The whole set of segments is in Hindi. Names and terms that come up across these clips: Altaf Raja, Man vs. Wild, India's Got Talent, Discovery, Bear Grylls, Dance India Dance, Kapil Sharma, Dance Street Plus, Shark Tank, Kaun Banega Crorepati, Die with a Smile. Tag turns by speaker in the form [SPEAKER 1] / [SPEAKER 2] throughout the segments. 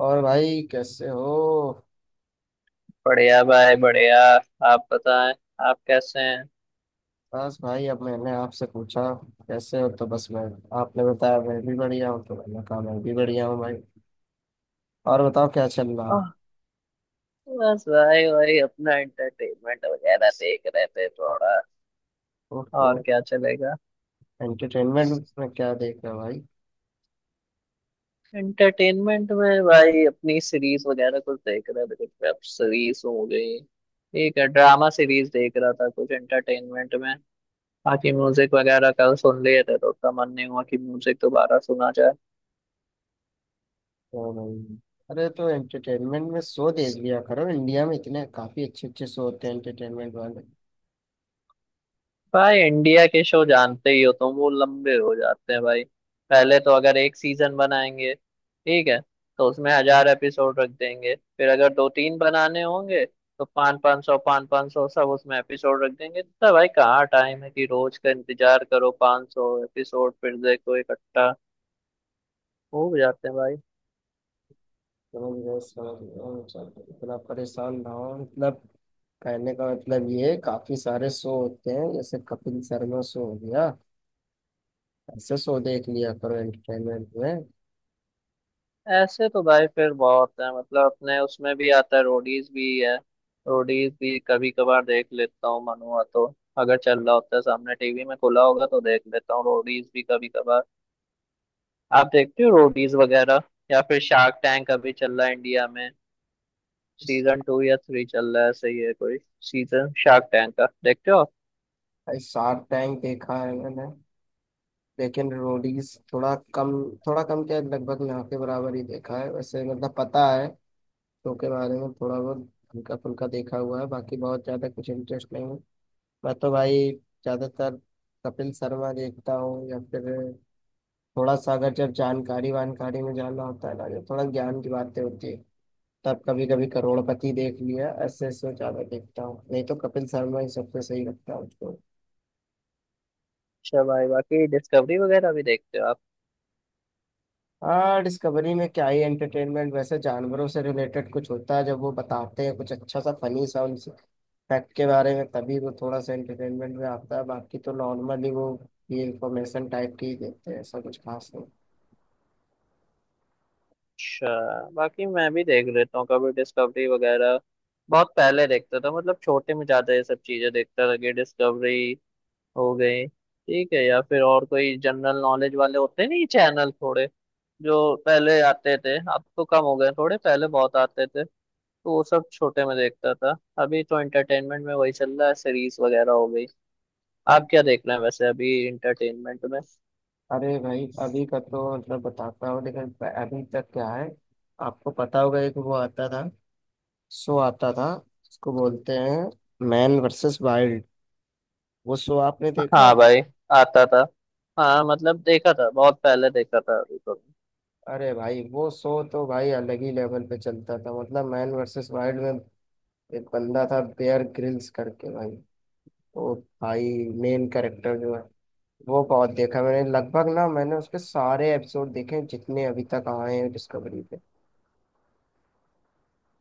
[SPEAKER 1] और भाई कैसे हो?
[SPEAKER 2] बढ़िया भाई बढ़िया। आप बताएं, आप कैसे हैं?
[SPEAKER 1] बस भाई, अब मैंने आपसे पूछा कैसे हो तो बस मैं। आपने बताया मैं भी बढ़िया हूँ तो मैंने कहा मैं भी बढ़िया हूँ भाई। और बताओ, क्या चल रहा
[SPEAKER 2] ओह,
[SPEAKER 1] है?
[SPEAKER 2] बस भाई वही अपना एंटरटेनमेंट वगैरह देख रहे थे थोड़ा। और
[SPEAKER 1] ओह।
[SPEAKER 2] क्या चलेगा।
[SPEAKER 1] एंटरटेनमेंट में क्या देख रहे हो भाई?
[SPEAKER 2] एंटरटेनमेंट में भाई अपनी सीरीज वगैरह कुछ देख रहे थे, कुछ वेब सीरीज हो गई, ठीक है, ड्रामा सीरीज देख रहा था कुछ एंटरटेनमेंट में। बाकी म्यूजिक वगैरह कल सुन लिए थे तो उतना मन नहीं हुआ कि म्यूजिक दोबारा सुना जाए।
[SPEAKER 1] ओ भाई, अरे तो एंटरटेनमेंट में शो देख लिया करो, इंडिया में इतने काफी अच्छे अच्छे शो होते हैं एंटरटेनमेंट वाले।
[SPEAKER 2] भाई इंडिया के शो जानते ही हो तुम, वो लंबे हो जाते हैं भाई। पहले तो अगर एक सीजन बनाएंगे, ठीक है, तो उसमें 1,000 एपिसोड रख देंगे, फिर अगर दो तीन बनाने होंगे तो पाँच पाँच सौ सब उसमें एपिसोड रख देंगे, तो भाई कहाँ टाइम है कि रोज का इंतजार करो, 500 एपिसोड फिर देखो इकट्ठा हो जाते हैं भाई।
[SPEAKER 1] समझ गए समझ गए, चलो, इतना परेशान ना हो मतलब। कहने का मतलब ये है, काफी सारे शो होते हैं, जैसे कपिल शर्मा शो हो गया। ऐसे शो देख लिया करो एंटरटेनमेंट में।
[SPEAKER 2] ऐसे तो भाई फिर बहुत है, मतलब अपने उसमें भी आता है, रोडीज भी है। रोडीज भी कभी कभार देख लेता हूँ, मन हुआ तो। अगर चल रहा होता है सामने, टीवी में खुला होगा तो देख लेता हूँ रोडीज भी कभी कभार। आप देखते हो रोडीज वगैरह? या फिर शार्क टैंक अभी चल रहा है इंडिया में, सीजन टू या थ्री चल रहा है, सही है? कोई सीजन शार्क टैंक का देखते हो आप?
[SPEAKER 1] भाई शार्क टैंक देखा है मैंने, लेकिन रोडीज थोड़ा कम। थोड़ा कम क्या, लगभग ना के बराबर ही देखा है। वैसे मतलब पता है शो के बारे में थोड़ा बहुत, हल्का फुल्का देखा हुआ है। बाकी बहुत ज्यादा कुछ इंटरेस्ट नहीं है। मैं तो भाई ज्यादातर कपिल शर्मा देखता हूँ, या फिर थोड़ा सा, अगर जब जानकारी वानकारी में जानना होता है ना, जो थोड़ा ज्ञान की बातें होती है, तब कभी कभी करोड़पति देख लिया, ऐसे से ज्यादा देखता हूँ। नहीं तो कपिल शर्मा ही सबसे सही लगता है मुझको।
[SPEAKER 2] अच्छा भाई, बाकी डिस्कवरी वगैरह भी देखते हो आप?
[SPEAKER 1] हाँ, डिस्कवरी में क्या ही एंटरटेनमेंट, वैसे जानवरों से रिलेटेड कुछ होता है जब वो बताते हैं, कुछ अच्छा सा फनी सा उनसे फैक्ट के बारे में, तभी वो थोड़ा सा एंटरटेनमेंट में आता है। बाकी तो नॉर्मली वो ये इंफॉर्मेशन टाइप की ही देते हैं, ऐसा कुछ खास नहीं।
[SPEAKER 2] अच्छा। बाकी मैं भी देख लेता हूँ कभी डिस्कवरी वगैरह। बहुत पहले देखता था, मतलब छोटे में ज्यादा ये सब चीजें देखता था कि डिस्कवरी हो गई, ठीक है, या फिर और कोई जनरल नॉलेज वाले होते नहीं चैनल थोड़े, जो पहले आते थे अब तो कम हो गए थोड़े, पहले बहुत आते थे, तो वो सब छोटे में देखता था। अभी तो एंटरटेनमेंट में वही चल रहा है, सीरीज वगैरह हो गई।
[SPEAKER 1] बट
[SPEAKER 2] आप क्या देख रहे हैं वैसे अभी एंटरटेनमेंट में?
[SPEAKER 1] अरे भाई, अभी का तो मतलब बताता हूँ, लेकिन अभी तक क्या है, आपको पता होगा, एक वो आता था, शो आता था, इसको बोलते हैं मैन वर्सेस वाइल्ड। वो शो आपने देखा?
[SPEAKER 2] हाँ भाई, आता था। हाँ मतलब देखा था, बहुत पहले देखा था, अभी तो।
[SPEAKER 1] अरे भाई वो शो तो भाई अलग ही लेवल पे चलता था। मतलब मैन वर्सेस वाइल्ड में एक बंदा था, बेयर ग्रिल्स करके भाई। वो भाई मेन कैरेक्टर जो है, वो बहुत देखा मैंने। लगभग ना, मैंने उसके सारे एपिसोड देखे हैं, जितने अभी तक आए हैं डिस्कवरी पे।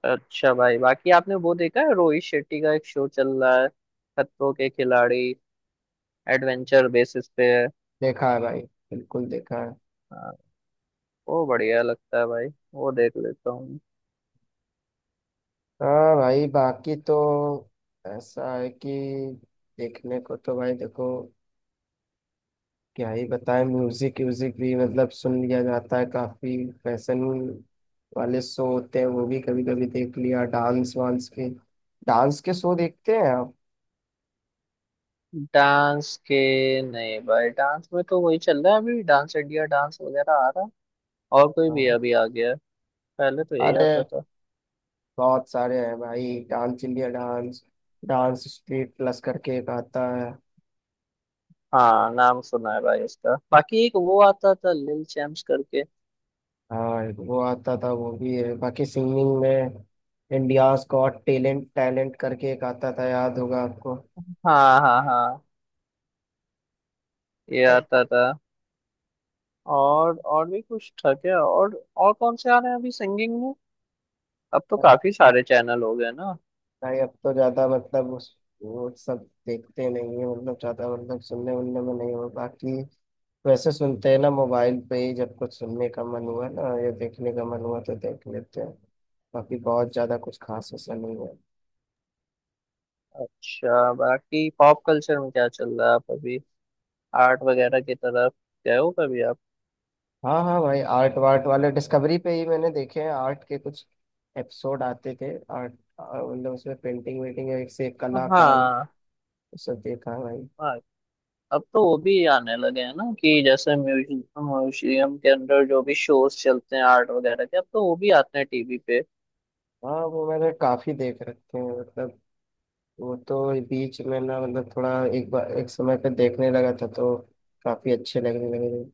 [SPEAKER 2] अच्छा भाई, बाकी आपने वो देखा है रोहित शेट्टी का एक शो चल रहा है, खतरों के खिलाड़ी, एडवेंचर बेसिस पे है।
[SPEAKER 1] देखा है भाई, बिल्कुल देखा है।
[SPEAKER 2] हाँ, वो बढ़िया लगता है भाई, वो देख लेता हूँ।
[SPEAKER 1] हाँ भाई, बाकी तो ऐसा है कि देखने को तो भाई देखो, क्या ही बताएं। म्यूजिक व्यूजिक भी मतलब सुन लिया जाता है काफी। फैशन वाले शो होते हैं, वो भी कभी कभी देख लिया। डांस वांस के डांस के शो देखते हैं आप?
[SPEAKER 2] डांस के नहीं भाई, डांस में तो वही चल रहा है अभी, डांस इंडिया डांस वगैरह आ रहा है और कोई भी
[SPEAKER 1] हाँ।
[SPEAKER 2] अभी आ गया है। पहले तो यही
[SPEAKER 1] अरे
[SPEAKER 2] आता था।
[SPEAKER 1] बहुत सारे हैं भाई, Dance India Dance, dance street plus करके एक आता है।
[SPEAKER 2] हाँ नाम सुना है भाई उसका। बाकी एक वो आता था लिल चैम्प्स करके।
[SPEAKER 1] हाँ वो आता था, वो भी है। बाकी सिंगिंग में इंडियाज गॉट टैलेंट टैलेंट करके एक आता था, याद होगा आपको?
[SPEAKER 2] हाँ हाँ हाँ, ये आता था। और भी कुछ था क्या? और कौन से आ रहे हैं अभी सिंगिंग में? अब तो काफी सारे चैनल हो गए ना।
[SPEAKER 1] भाई अब तो ज्यादा मतलब उस, वो सब देखते नहीं है, मतलब ज्यादा मतलब सुनने उनने में नहीं हो। बाकी वैसे सुनते हैं ना, मोबाइल पे ही, जब कुछ सुनने का मन हुआ ना या देखने का मन हुआ तो देख लेते हैं। बाकी बहुत ज्यादा कुछ खास ऐसा नहीं है।
[SPEAKER 2] अच्छा, बाकी पॉप कल्चर में क्या चल रहा है आप अभी? आर्ट वगैरह की तरफ गए हो कभी आप?
[SPEAKER 1] हाँ हाँ भाई, आर्ट वार्ट वाले डिस्कवरी पे ही मैंने देखे हैं। आर्ट के कुछ एपिसोड आते थे आर्ट। मतलब उसमें पेंटिंग वेंटिंग, एक से एक कलाकारी
[SPEAKER 2] हाँ।
[SPEAKER 1] सब देखा है भाई।
[SPEAKER 2] हाँ, अब तो वो भी आने लगे हैं ना कि जैसे म्यूजियम, म्यूजियम के अंदर जो भी शोज चलते हैं आर्ट वगैरह के, अब तो वो भी आते हैं टीवी पे।
[SPEAKER 1] हाँ वो मैंने काफी देख रखे हैं। मतलब वो तो बीच में ना, मतलब थोड़ा, एक बार एक समय पे देखने लगा था तो काफी अच्छे लगने लगे थे।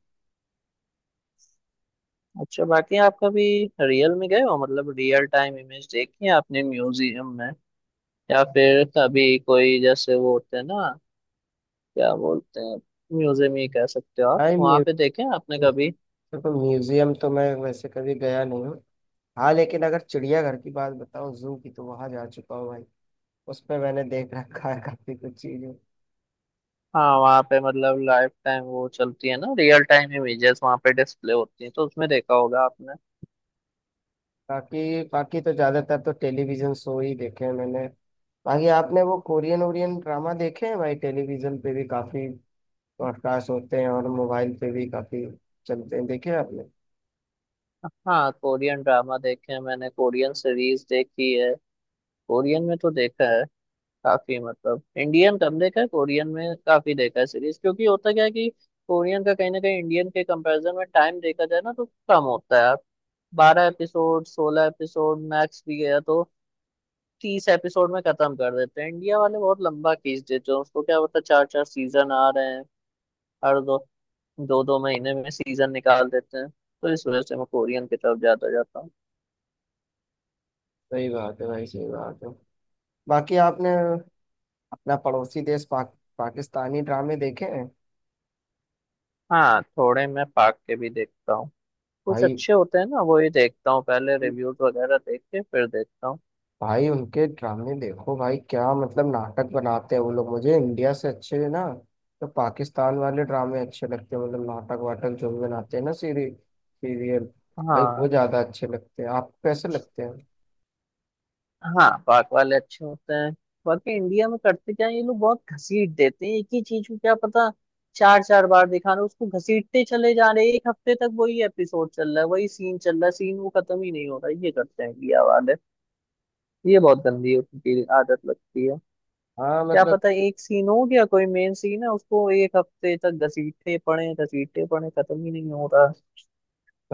[SPEAKER 2] अच्छा, बाकी आप कभी रियल में गए हो, मतलब रियल टाइम इमेज देखी है आपने म्यूजियम में? या फिर कभी कोई जैसे वो होते हैं ना, क्या बोलते हैं, म्यूजियम ही कह सकते हो आप,
[SPEAKER 1] आई
[SPEAKER 2] वहाँ
[SPEAKER 1] म्यू
[SPEAKER 2] पे देखे हैं आपने कभी?
[SPEAKER 1] देखो म्यूजियम तो मैं वैसे कभी गया नहीं हूँ। हाँ लेकिन अगर चिड़ियाघर की बात बताओ, जू की, तो वहां जा चुका हूँ भाई। उसमें मैंने देख रखा है काफी कुछ चीजें।
[SPEAKER 2] हाँ वहाँ पे मतलब लाइफ टाइम वो चलती है ना, रियल टाइम इमेजेस वहाँ पे डिस्प्ले होती हैं, तो उसमें देखा होगा आपने।
[SPEAKER 1] बाकी बाकी तो ज्यादातर तो टेलीविजन शो ही देखे हैं मैंने। बाकी आपने वो कोरियन ओरियन ड्रामा देखे हैं भाई? टेलीविजन पे भी काफी ब्रॉडकास्ट होते हैं और मोबाइल पे भी काफी चलते हैं, देखे हैं आपने?
[SPEAKER 2] हाँ कोरियन ड्रामा देखे हैं मैंने, कोरियन सीरीज देखी है, कोरियन में तो देखा है काफी, मतलब इंडियन कम देखा है, कोरियन में काफी देखा है सीरीज, क्योंकि होता क्या है कि कोरियन का कहीं ना कहीं इंडियन के कंपैरिजन में टाइम देखा जाए ना तो कम होता है। 12 एपिसोड, 16 एपिसोड मैक्स भी गया तो 30 एपिसोड में खत्म कर देते हैं, इंडिया वाले बहुत लंबा खींच देते हैं उसको, क्या होता है, चार चार सीजन आ रहे हैं, हर दो दो दो महीने में सीजन निकाल देते हैं, तो इस वजह से मैं कोरियन की तरफ ज्यादा जाता हूँ।
[SPEAKER 1] सही बात है भाई, सही बात है। बाकी आपने अपना पड़ोसी देश पाक, पाकिस्तानी ड्रामे देखे हैं?
[SPEAKER 2] हाँ थोड़े मैं पाक के भी देखता हूँ, कुछ
[SPEAKER 1] भाई
[SPEAKER 2] अच्छे होते हैं ना वो ही देखता हूँ, पहले रिव्यूज वगैरह देख के फिर देखता हूँ।
[SPEAKER 1] भाई, उनके ड्रामे देखो भाई, क्या मतलब नाटक बनाते हैं वो लोग, मुझे इंडिया से अच्छे ना। तो पाकिस्तान वाले ड्रामे अच्छे लगते हैं, मतलब नाटक वाटक जो भी बनाते हैं ना, सीरी सीरियल। भाई वो
[SPEAKER 2] हाँ।
[SPEAKER 1] ज्यादा अच्छे लगते हैं, आपको कैसे लगते हैं?
[SPEAKER 2] हाँ पाक वाले अच्छे होते हैं, बाकी इंडिया में करते क्या है, ये लोग बहुत घसीट देते हैं एक ही चीज को, क्या पता चार चार बार दिखा रहे हैं, उसको घसीटते चले जा रहे हैं, एक हफ्ते तक वही एपिसोड चल रहा है, वही सीन चल रहा है, सीन वो खत्म ही नहीं हो रहा, ये करते हैं इंडिया वाले, ये बहुत गंदी उनकी आदत लगती है।
[SPEAKER 1] हाँ
[SPEAKER 2] क्या
[SPEAKER 1] मतलब
[SPEAKER 2] पता एक सीन हो गया कोई मेन सीन है, उसको एक हफ्ते तक घसीटते पड़े, घसीटते पड़े, खत्म ही नहीं हो रहा।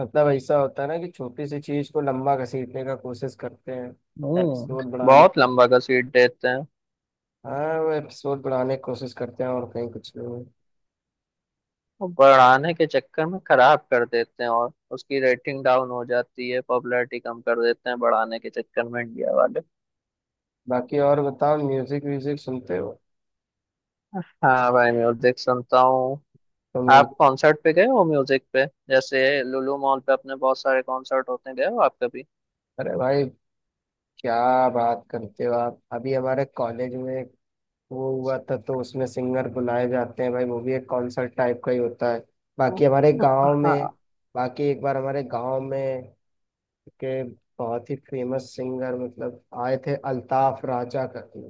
[SPEAKER 1] मतलब ऐसा होता है ना कि छोटी सी चीज को लंबा घसीटने का कोशिश करते हैं,
[SPEAKER 2] हम्म,
[SPEAKER 1] एपिसोड बनाने
[SPEAKER 2] बहुत
[SPEAKER 1] की।
[SPEAKER 2] लंबा घसीट देते हैं,
[SPEAKER 1] हाँ वो एपिसोड बनाने की कोशिश करते हैं और कहीं कुछ नहीं।
[SPEAKER 2] और बढ़ाने के चक्कर में खराब कर देते हैं, और उसकी रेटिंग डाउन हो जाती है, पॉपुलैरिटी कम कर देते हैं बढ़ाने के चक्कर में इंडिया वाले।
[SPEAKER 1] बाकी और बताओ, म्यूजिक व्यूजिक सुनते हो?
[SPEAKER 2] हाँ भाई म्यूजिक सुनता हूँ।
[SPEAKER 1] तो
[SPEAKER 2] आप
[SPEAKER 1] म्यूजिक,
[SPEAKER 2] कॉन्सर्ट पे गए हो म्यूजिक पे, जैसे लुलु मॉल पे अपने बहुत सारे कॉन्सर्ट होते हैं, गए हो आप कभी?
[SPEAKER 1] अरे भाई क्या बात करते हो आप, अभी हमारे कॉलेज में एक वो हुआ था, तो उसमें सिंगर बुलाए जाते हैं भाई, वो भी एक कॉन्सर्ट टाइप का ही होता है। बाकी हमारे गांव
[SPEAKER 2] हाँ।
[SPEAKER 1] में, बाकी एक बार हमारे गांव में के बहुत ही फेमस सिंगर मतलब आए थे, अल्ताफ राजा करके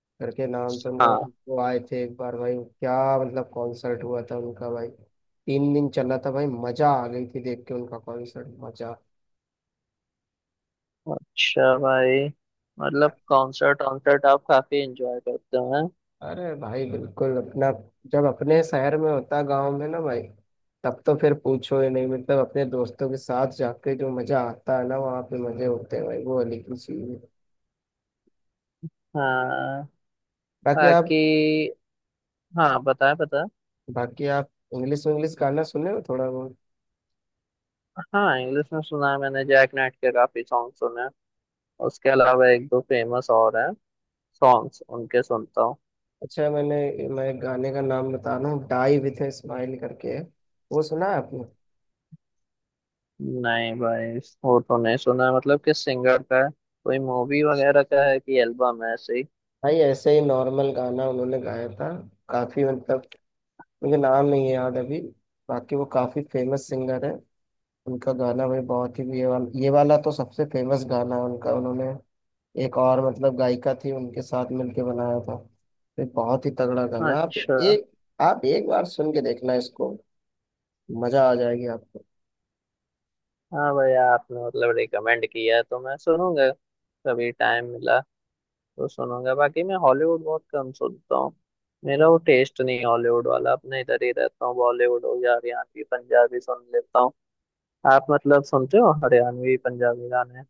[SPEAKER 1] करके नाम तो उनका
[SPEAKER 2] हाँ।
[SPEAKER 1] भाई। वो आए थे एक बार भाई, क्या मतलब कॉन्सर्ट हुआ था उनका भाई। 3 दिन चला था भाई, मजा आ गई थी देख के उनका कॉन्सर्ट, मजा।
[SPEAKER 2] अच्छा भाई, मतलब कॉन्सर्ट कॉन्सर्ट आप काफी एंजॉय करते हो हैं।
[SPEAKER 1] अरे भाई बिल्कुल, अपना जब अपने शहर में होता, गांव में ना भाई, तब तो फिर पूछो ही नहीं। मतलब अपने दोस्तों के साथ जाके जो मजा आता है ना, वहाँ पे मजे होते हैं भाई, वो अलग ही चीज है।
[SPEAKER 2] हाँ
[SPEAKER 1] बाकी
[SPEAKER 2] बाकी।
[SPEAKER 1] आप
[SPEAKER 2] हाँ बताए बताए।
[SPEAKER 1] बाकी आप इंग्लिश इंग्लिश गाना सुने हो थोड़ा बहुत?
[SPEAKER 2] हाँ इंग्लिश में सुना है, मैंने जैक नाइट के काफी सॉन्ग सुने हैं, उसके अलावा एक दो फेमस और हैं सॉन्ग्स, उनके सुनता हूँ।
[SPEAKER 1] अच्छा, मैं गाने का नाम बता रहा हूँ, डाई विथ ए स्माइल करके है, वो सुना है आपने?
[SPEAKER 2] नहीं भाई, वो तो नहीं सुना है। मतलब किस सिंगर का है, कोई मूवी वगैरह का है कि एल्बम है ऐसे ही?
[SPEAKER 1] भाई ऐसे ही नॉर्मल गाना उन्होंने गाया था, काफी मतलब। मुझे नाम नहीं याद अभी। बाकी वो काफी फेमस सिंगर है, उनका गाना भाई, बहुत ही ये वाला, ये वाला तो सबसे फेमस गाना है उनका। उन्होंने एक और मतलब गायिका थी उनके साथ मिलके बनाया था, ये बहुत ही तगड़ा गाना।
[SPEAKER 2] अच्छा।
[SPEAKER 1] आप एक बार सुन के देखना इसको, मजा आ जाएगी आपको।
[SPEAKER 2] हाँ भाई आपने मतलब रिकमेंड किया है तो मैं सुनूंगा, कभी टाइम मिला तो सुनूंगा। बाकी मैं हॉलीवुड बहुत कम सुनता हूँ, मेरा वो टेस्ट नहीं है हॉलीवुड वाला, अपने इधर ही रहता हूँ, बॉलीवुड हो या हरियाणवी पंजाबी सुन लेता हूँ। आप मतलब सुनते हो हरियाणवी पंजाबी गाने?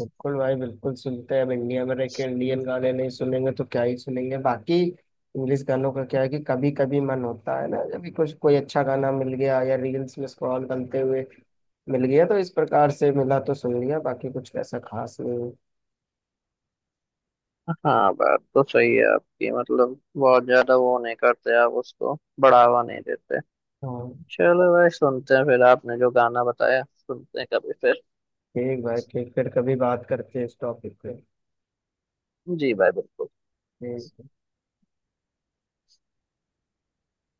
[SPEAKER 1] बिल्कुल भाई, बिल्कुल सुनते हैं, अब इंडिया में रह के इंडियन गाने नहीं सुनेंगे तो क्या ही सुनेंगे। बाकी इंग्लिश गानों का क्या है कि कभी कभी मन होता है ना, जब भी कुछ कोई अच्छा गाना मिल गया या रील्स में स्क्रॉल करते हुए मिल गया, तो इस प्रकार से मिला तो सुन लिया, बाकी कुछ ऐसा खास नहीं है।
[SPEAKER 2] हाँ बात तो सही है आपकी, मतलब बहुत ज्यादा वो नहीं करते आप, उसको बढ़ावा नहीं देते।
[SPEAKER 1] हाँ।
[SPEAKER 2] चलो भाई, सुनते हैं फिर आपने जो गाना बताया, सुनते हैं कभी फिर।
[SPEAKER 1] ठीक भाई ठीक, फिर कभी बात करते हैं इस टॉपिक पे।
[SPEAKER 2] जी भाई बिल्कुल।
[SPEAKER 1] ठीक।